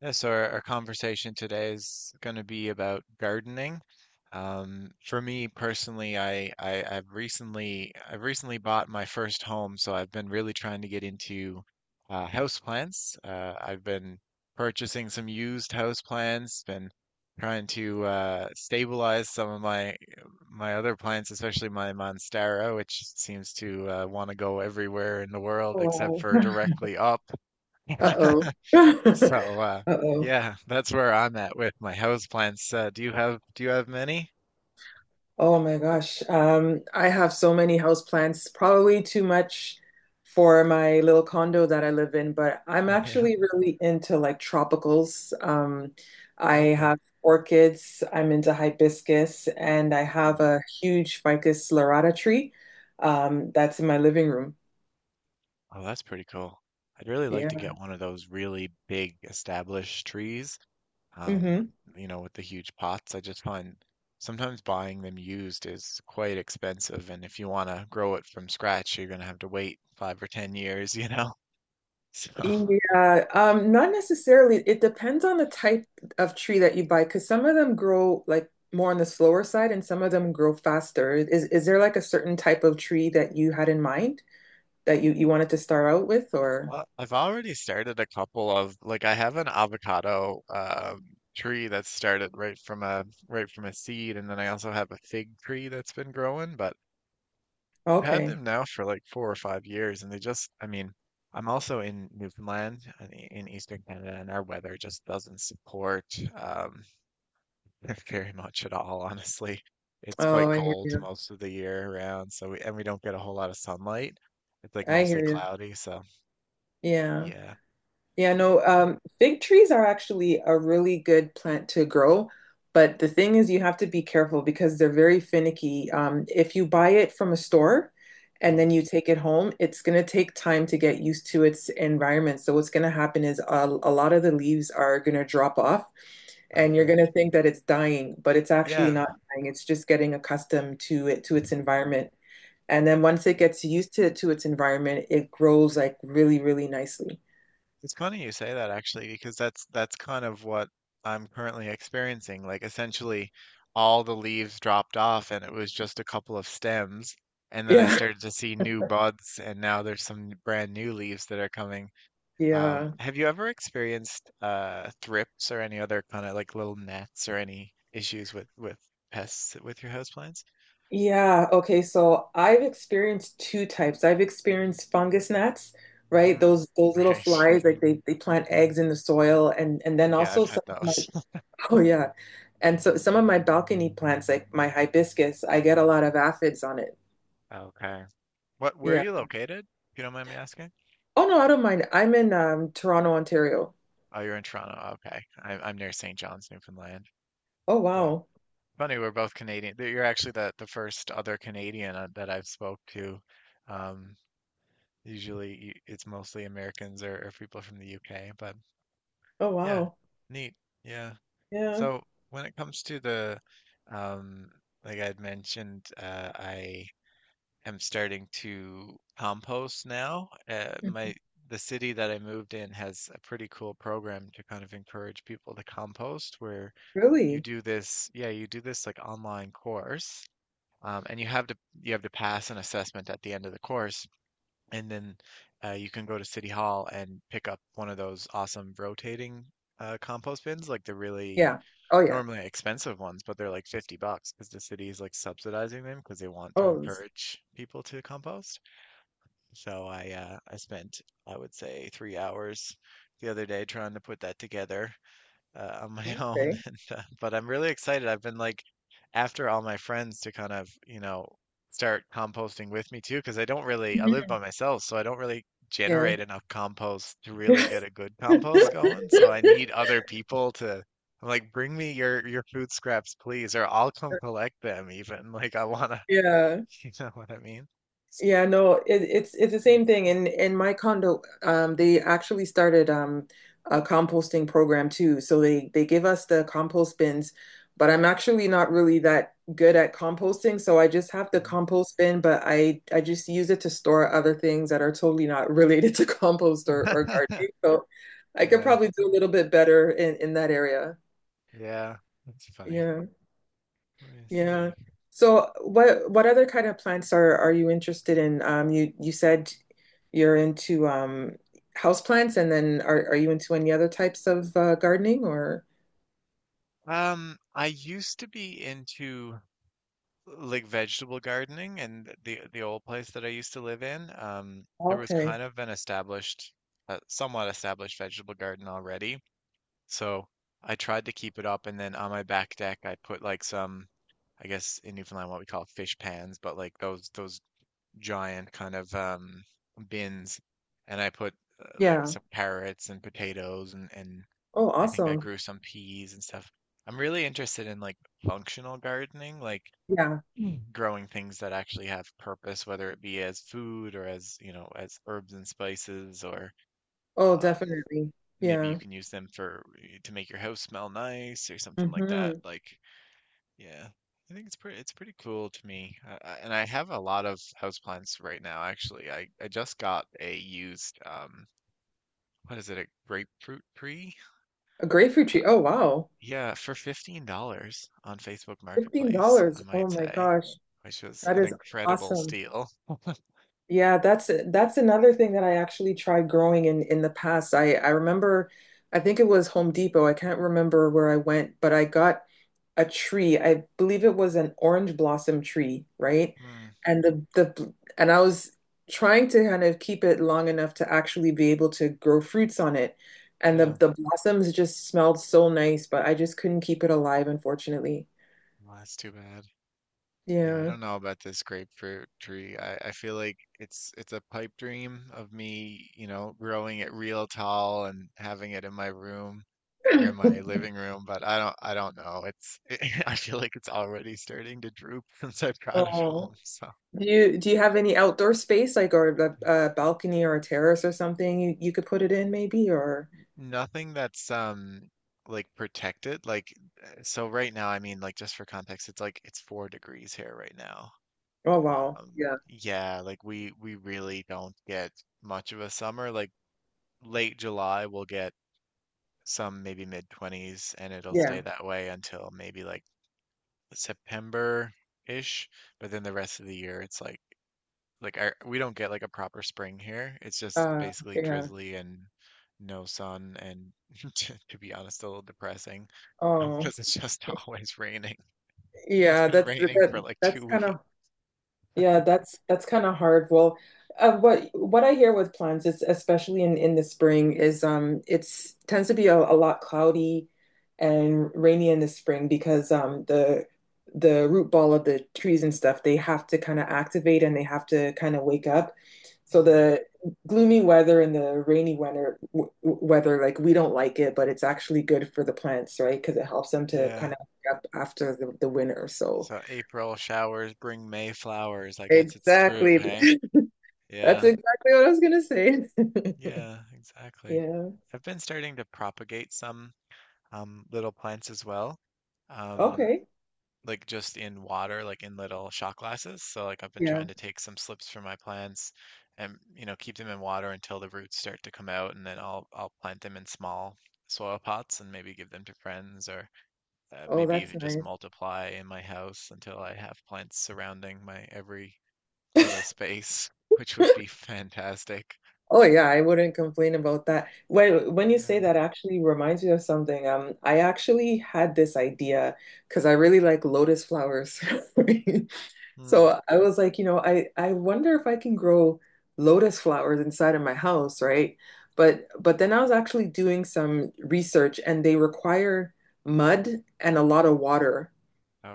Yeah, so our conversation today is going to be about gardening. For me personally, I've recently bought my first home, so I've been really trying to get into houseplants. I've been purchasing some used houseplants, been trying to stabilize some of my other plants, especially my monstera, which seems to want to go everywhere in the world except Oh, for directly up. uh-oh. So uh Uh-oh. yeah, that's where I'm at with my houseplants. Do you have many? Oh my gosh. I have so many houseplants, probably too much for my little condo that I live in, but I'm Okay. actually really into like tropicals. I Okay. have orchids, I'm into hibiscus, and I Hmm. have a huge Ficus lirata tree, that's in my living room. Oh, that's pretty cool. I'd really like Yeah. to get one of those really big established trees, um, Hmm. you know, with the huge pots. I just find sometimes buying them used is quite expensive, and if you want to grow it from scratch, you're going to have to wait 5 or 10 years, you know. So, Yeah, not necessarily. It depends on the type of tree that you buy, because some of them grow like more on the slower side, and some of them grow faster. Is there like a certain type of tree that you had in mind that you wanted to start out with, or Well, I've already started a couple of like I have an avocado tree that's started right from a seed, and then I also have a fig tree that's been growing. But I've had okay? them now for like 4 or 5 years, and they just I mean I'm also in Newfoundland, in Eastern Canada, and our weather just doesn't support um, very much at all, honestly. It's quite Oh, I hear cold you. most of the year around, so we and we don't get a whole lot of sunlight. It's like I mostly hear you. cloudy, so Yeah. yeah, Yeah, no, yeah. Fig trees are actually a really good plant to grow, but the thing is, you have to be careful because they're very finicky. If you buy it from a store and Mm, then you take it home, it's going to take time to get used to its environment. So, what's going to happen is a lot of the leaves are going to drop off, and you're okay. going to think that it's dying, but it's actually Yeah, not dying. It's just getting accustomed to to its environment. And then once it gets used to its environment, it grows like really, really nicely. it's funny you say that actually, because that's kind of what I'm currently experiencing. Like essentially all the leaves dropped off and it was just a couple of stems. And then I Yeah. started to see new buds and now there's some brand new leaves that are coming. Yeah. Have you ever experienced thrips or any other kind of like little gnats or any issues with pests with your houseplants? Yeah. Okay. So I've experienced two types. I've experienced fungus gnats, right? Hmm, Those little right. flies, like they plant eggs in the soil and then Yeah, also I've had some of my those. oh yeah. And so some of my balcony plants, like my hibiscus, I get a lot of aphids on it. Okay. What, where are Yeah. you located, if you don't mind me asking? Oh no, I don't mind. I'm in Toronto, Ontario. Oh, you're in Toronto. Okay. I'm near St. John's, Newfoundland. Oh So wow. funny, we're both Canadian. That You're actually the first other Canadian that I've spoke to. Um, Usually it's mostly Americans or people from the UK, but Oh yeah, wow. neat. Yeah. Yeah. So when it comes to the, um, like I had mentioned, I am starting to compost now. Mhm. My the city that I moved in has a pretty cool program to kind of encourage people to compost, where you Really? do this, yeah, you do this like online course, and you have to pass an assessment at the end of the course, and then you can go to City Hall and pick up one of those awesome rotating compost bins, like the really Yeah. Oh yeah. normally expensive ones, but they're like 50 bucks because the city is like subsidizing them because they want to Oh, it's- encourage people to compost. So I spent I would say 3 hours the other day trying to put that together on my own. okay. But I'm really excited. I've been like after all my friends to kind of, you know, start composting with me too, because I don't really, I live Mhm. by myself, so I don't really Yeah. generate enough compost to really get a good compost going. So I need other people to, I'm like, bring me your food scraps, please, or I'll come collect them even. Like I wanna, Yeah. you know what I mean? Yeah, no, it's it's the same thing. In my condo, they actually started a composting program too. So they give us the compost bins, but I'm actually not really that good at composting, so I just have the Mm. compost bin, but I just use it to store other things that are totally not related to compost or gardening. So I could Yeah, probably do a little bit better in that area. yeah, that's funny. Yeah. Let me Yeah. see. So what other kind of plants are you interested in? You said you're into house plants and then are you into any other types of gardening or? I used to be into like vegetable gardening and the old place that I used to live in, there was Okay. kind of an established, somewhat established vegetable garden already. So I tried to keep it up, and then on my back deck, I put like some, I guess in Newfoundland what we call fish pans, but like those giant kind of bins, and I put like Yeah. some carrots and potatoes, and Oh, I think I awesome. grew some peas and stuff. I'm really interested in like functional gardening, like Yeah. growing things that actually have purpose, whether it be as food or as, you know, as herbs and spices, or Oh, um, definitely. maybe you Yeah. can use them for eh, to make your house smell nice or something like that. Mm-hmm. Like, yeah, I think it's pretty cool to me. And I have a lot of houseplants right now, actually. I just got a used what is it, a grapefruit tree? A grapefruit Uh, tree. Oh, wow. yeah, for $15 on Facebook Marketplace, I $15. Oh might my say, gosh. which was That an is incredible awesome. steal. Yeah, that's another thing that I actually tried growing in the past. I remember I think it was Home Depot. I can't remember where I went, but I got a tree. I believe it was an orange blossom tree, right? Mm, And the and I was trying to kind of keep it long enough to actually be able to grow fruits on it. And the yeah. the blossoms just smelled so nice, but I just couldn't keep it alive, unfortunately. Well, that's too bad. Yeah, I Yeah. don't know about this grapefruit tree. I feel like it's a pipe dream of me, you know, growing it real tall and having it in my room or in my living room, but I don't know. It's I feel like it's already starting to droop since I brought it home. Oh. So Do you have any outdoor space like or a balcony or a terrace or something you could put it in maybe or nothing that's like protected. Like so right now, I mean like just for context, it's 4 degrees here right now. oh Wow. wow yeah Yeah, like we really don't get much of a summer. Like late July, we'll get some maybe mid 20s, and it'll yeah stay that way until maybe like September-ish. But then the rest of the year, it's like our, we don't get like a proper spring here. It's just uh basically yeah drizzly and no sun, and to be honest, a little depressing oh because it's just always raining. It's yeah been that's raining for that like that's two kind weeks. of Yeah, that's kind of hard. Well, what I hear with plants is especially in the spring is it's tends to be a lot cloudy and rainy in the spring because the root ball of the trees and stuff they have to kind of activate and they have to kind of wake up. So Mm, the gloomy weather and the rainy weather w weather like we don't like it, but it's actually good for the plants, right? Because it helps them to yeah. kind of wake up after the winter. So So April showers bring May flowers. I guess it's true, exactly. hey? That's Yeah, exactly what I was gonna say. yeah, exactly. Yeah. I've been starting to propagate some little plants as well, um, Okay. like just in water, like in little shot glasses. So like I've been Yeah. trying to take some slips from my plants and you know keep them in water until the roots start to come out, and then I'll plant them in small soil pots and maybe give them to friends or Oh, maybe that's even just nice. multiply in my house until I have plants surrounding my every little space, which would be fantastic. Oh yeah, I wouldn't complain about that. When you say Yeah. that actually reminds me of something. I actually had this idea because I really like lotus flowers. Hmm. So I was like, you know, I wonder if I can grow lotus flowers inside of my house, right? But then I was actually doing some research and they require mud and a lot of water.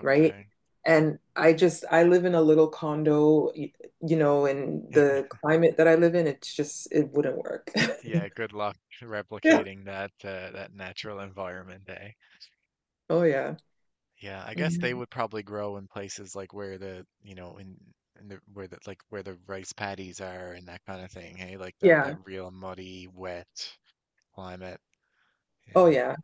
Right? And I just, I live in a little condo, you know, and Yeah. the climate that I live in, it's just, it wouldn't work. Yeah, good luck Yeah. replicating that that natural environment, eh? Oh, yeah. Yeah, I guess they Mhm. would probably grow in places like where the, you know, in the where the like where the rice paddies are and that kind of thing, hey? Like Yeah. that real muddy, wet climate. Oh, Yeah. yeah.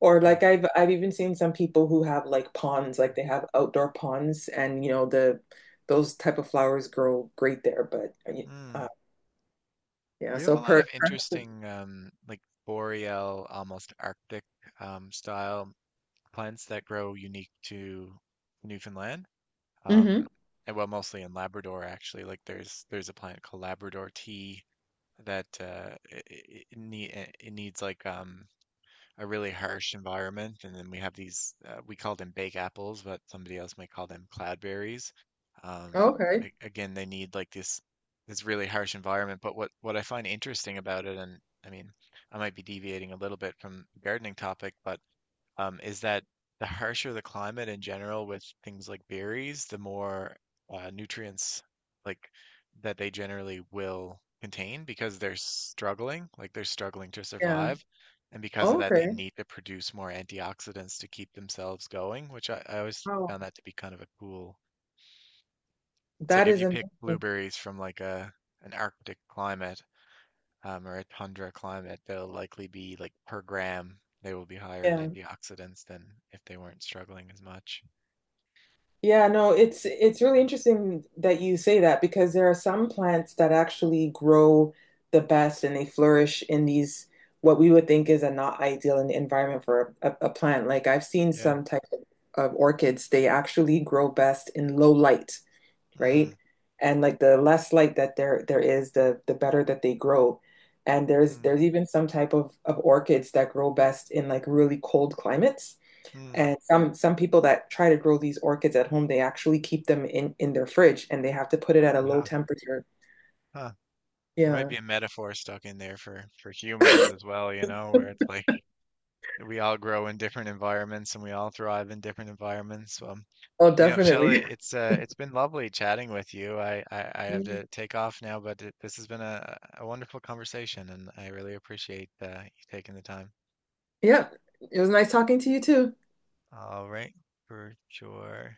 Or like Hmm. I've even seen some people who have like ponds, like they have outdoor ponds, and you know the those type of flowers grow great there. But Hmm. uh, yeah, We have so a lot per of interesting like boreal, almost Arctic style plants that grow unique to Newfoundland. hmm Um, and well, mostly in Labrador actually. Like there's a plant called Labrador tea that it needs like a really harsh environment. And then we have these we call them bake apples, but somebody else might call them cloudberries. Um, okay. Again, they need like this really harsh environment. But what I find interesting about it, and I mean, I might be deviating a little bit from the gardening topic, but is that the harsher the climate in general with things like berries, the more nutrients like that they generally will contain because they're struggling, like they're struggling to Yeah. survive. And because of that, they Okay. need to produce more antioxidants to keep themselves going, which I always Wow. found that to be kind of a cool. It's like That if is you pick amazing. blueberries from like a an Arctic climate, or a tundra climate, they'll likely be like per gram, they will be higher in Yeah. antioxidants than if they weren't struggling as much. Yeah, no, it's really interesting that you say that because there are some plants that actually grow the best and they flourish in these what we would think is a not ideal environment for a plant. Like I've seen Yeah. some type of orchids, they actually grow best in low light, Mm, right? And like the less light that there is, the better that they grow. And there's mm, there's even some type of orchids that grow best in like really cold climates. mm. And some people that try to grow these orchids at home, they actually keep them in their fridge and they have to put it at a low Huh, temperature. huh. There might Yeah. be a metaphor stuck in there for humans as well, you know, where it's like we all grow in different environments and we all thrive in different environments. Oh, You know, Shelley, definitely. It's been lovely chatting with you. I have to take off now, but it, this has been a wonderful conversation, and I really appreciate you taking the time. Yeah. It was nice talking to you too. All right, for sure.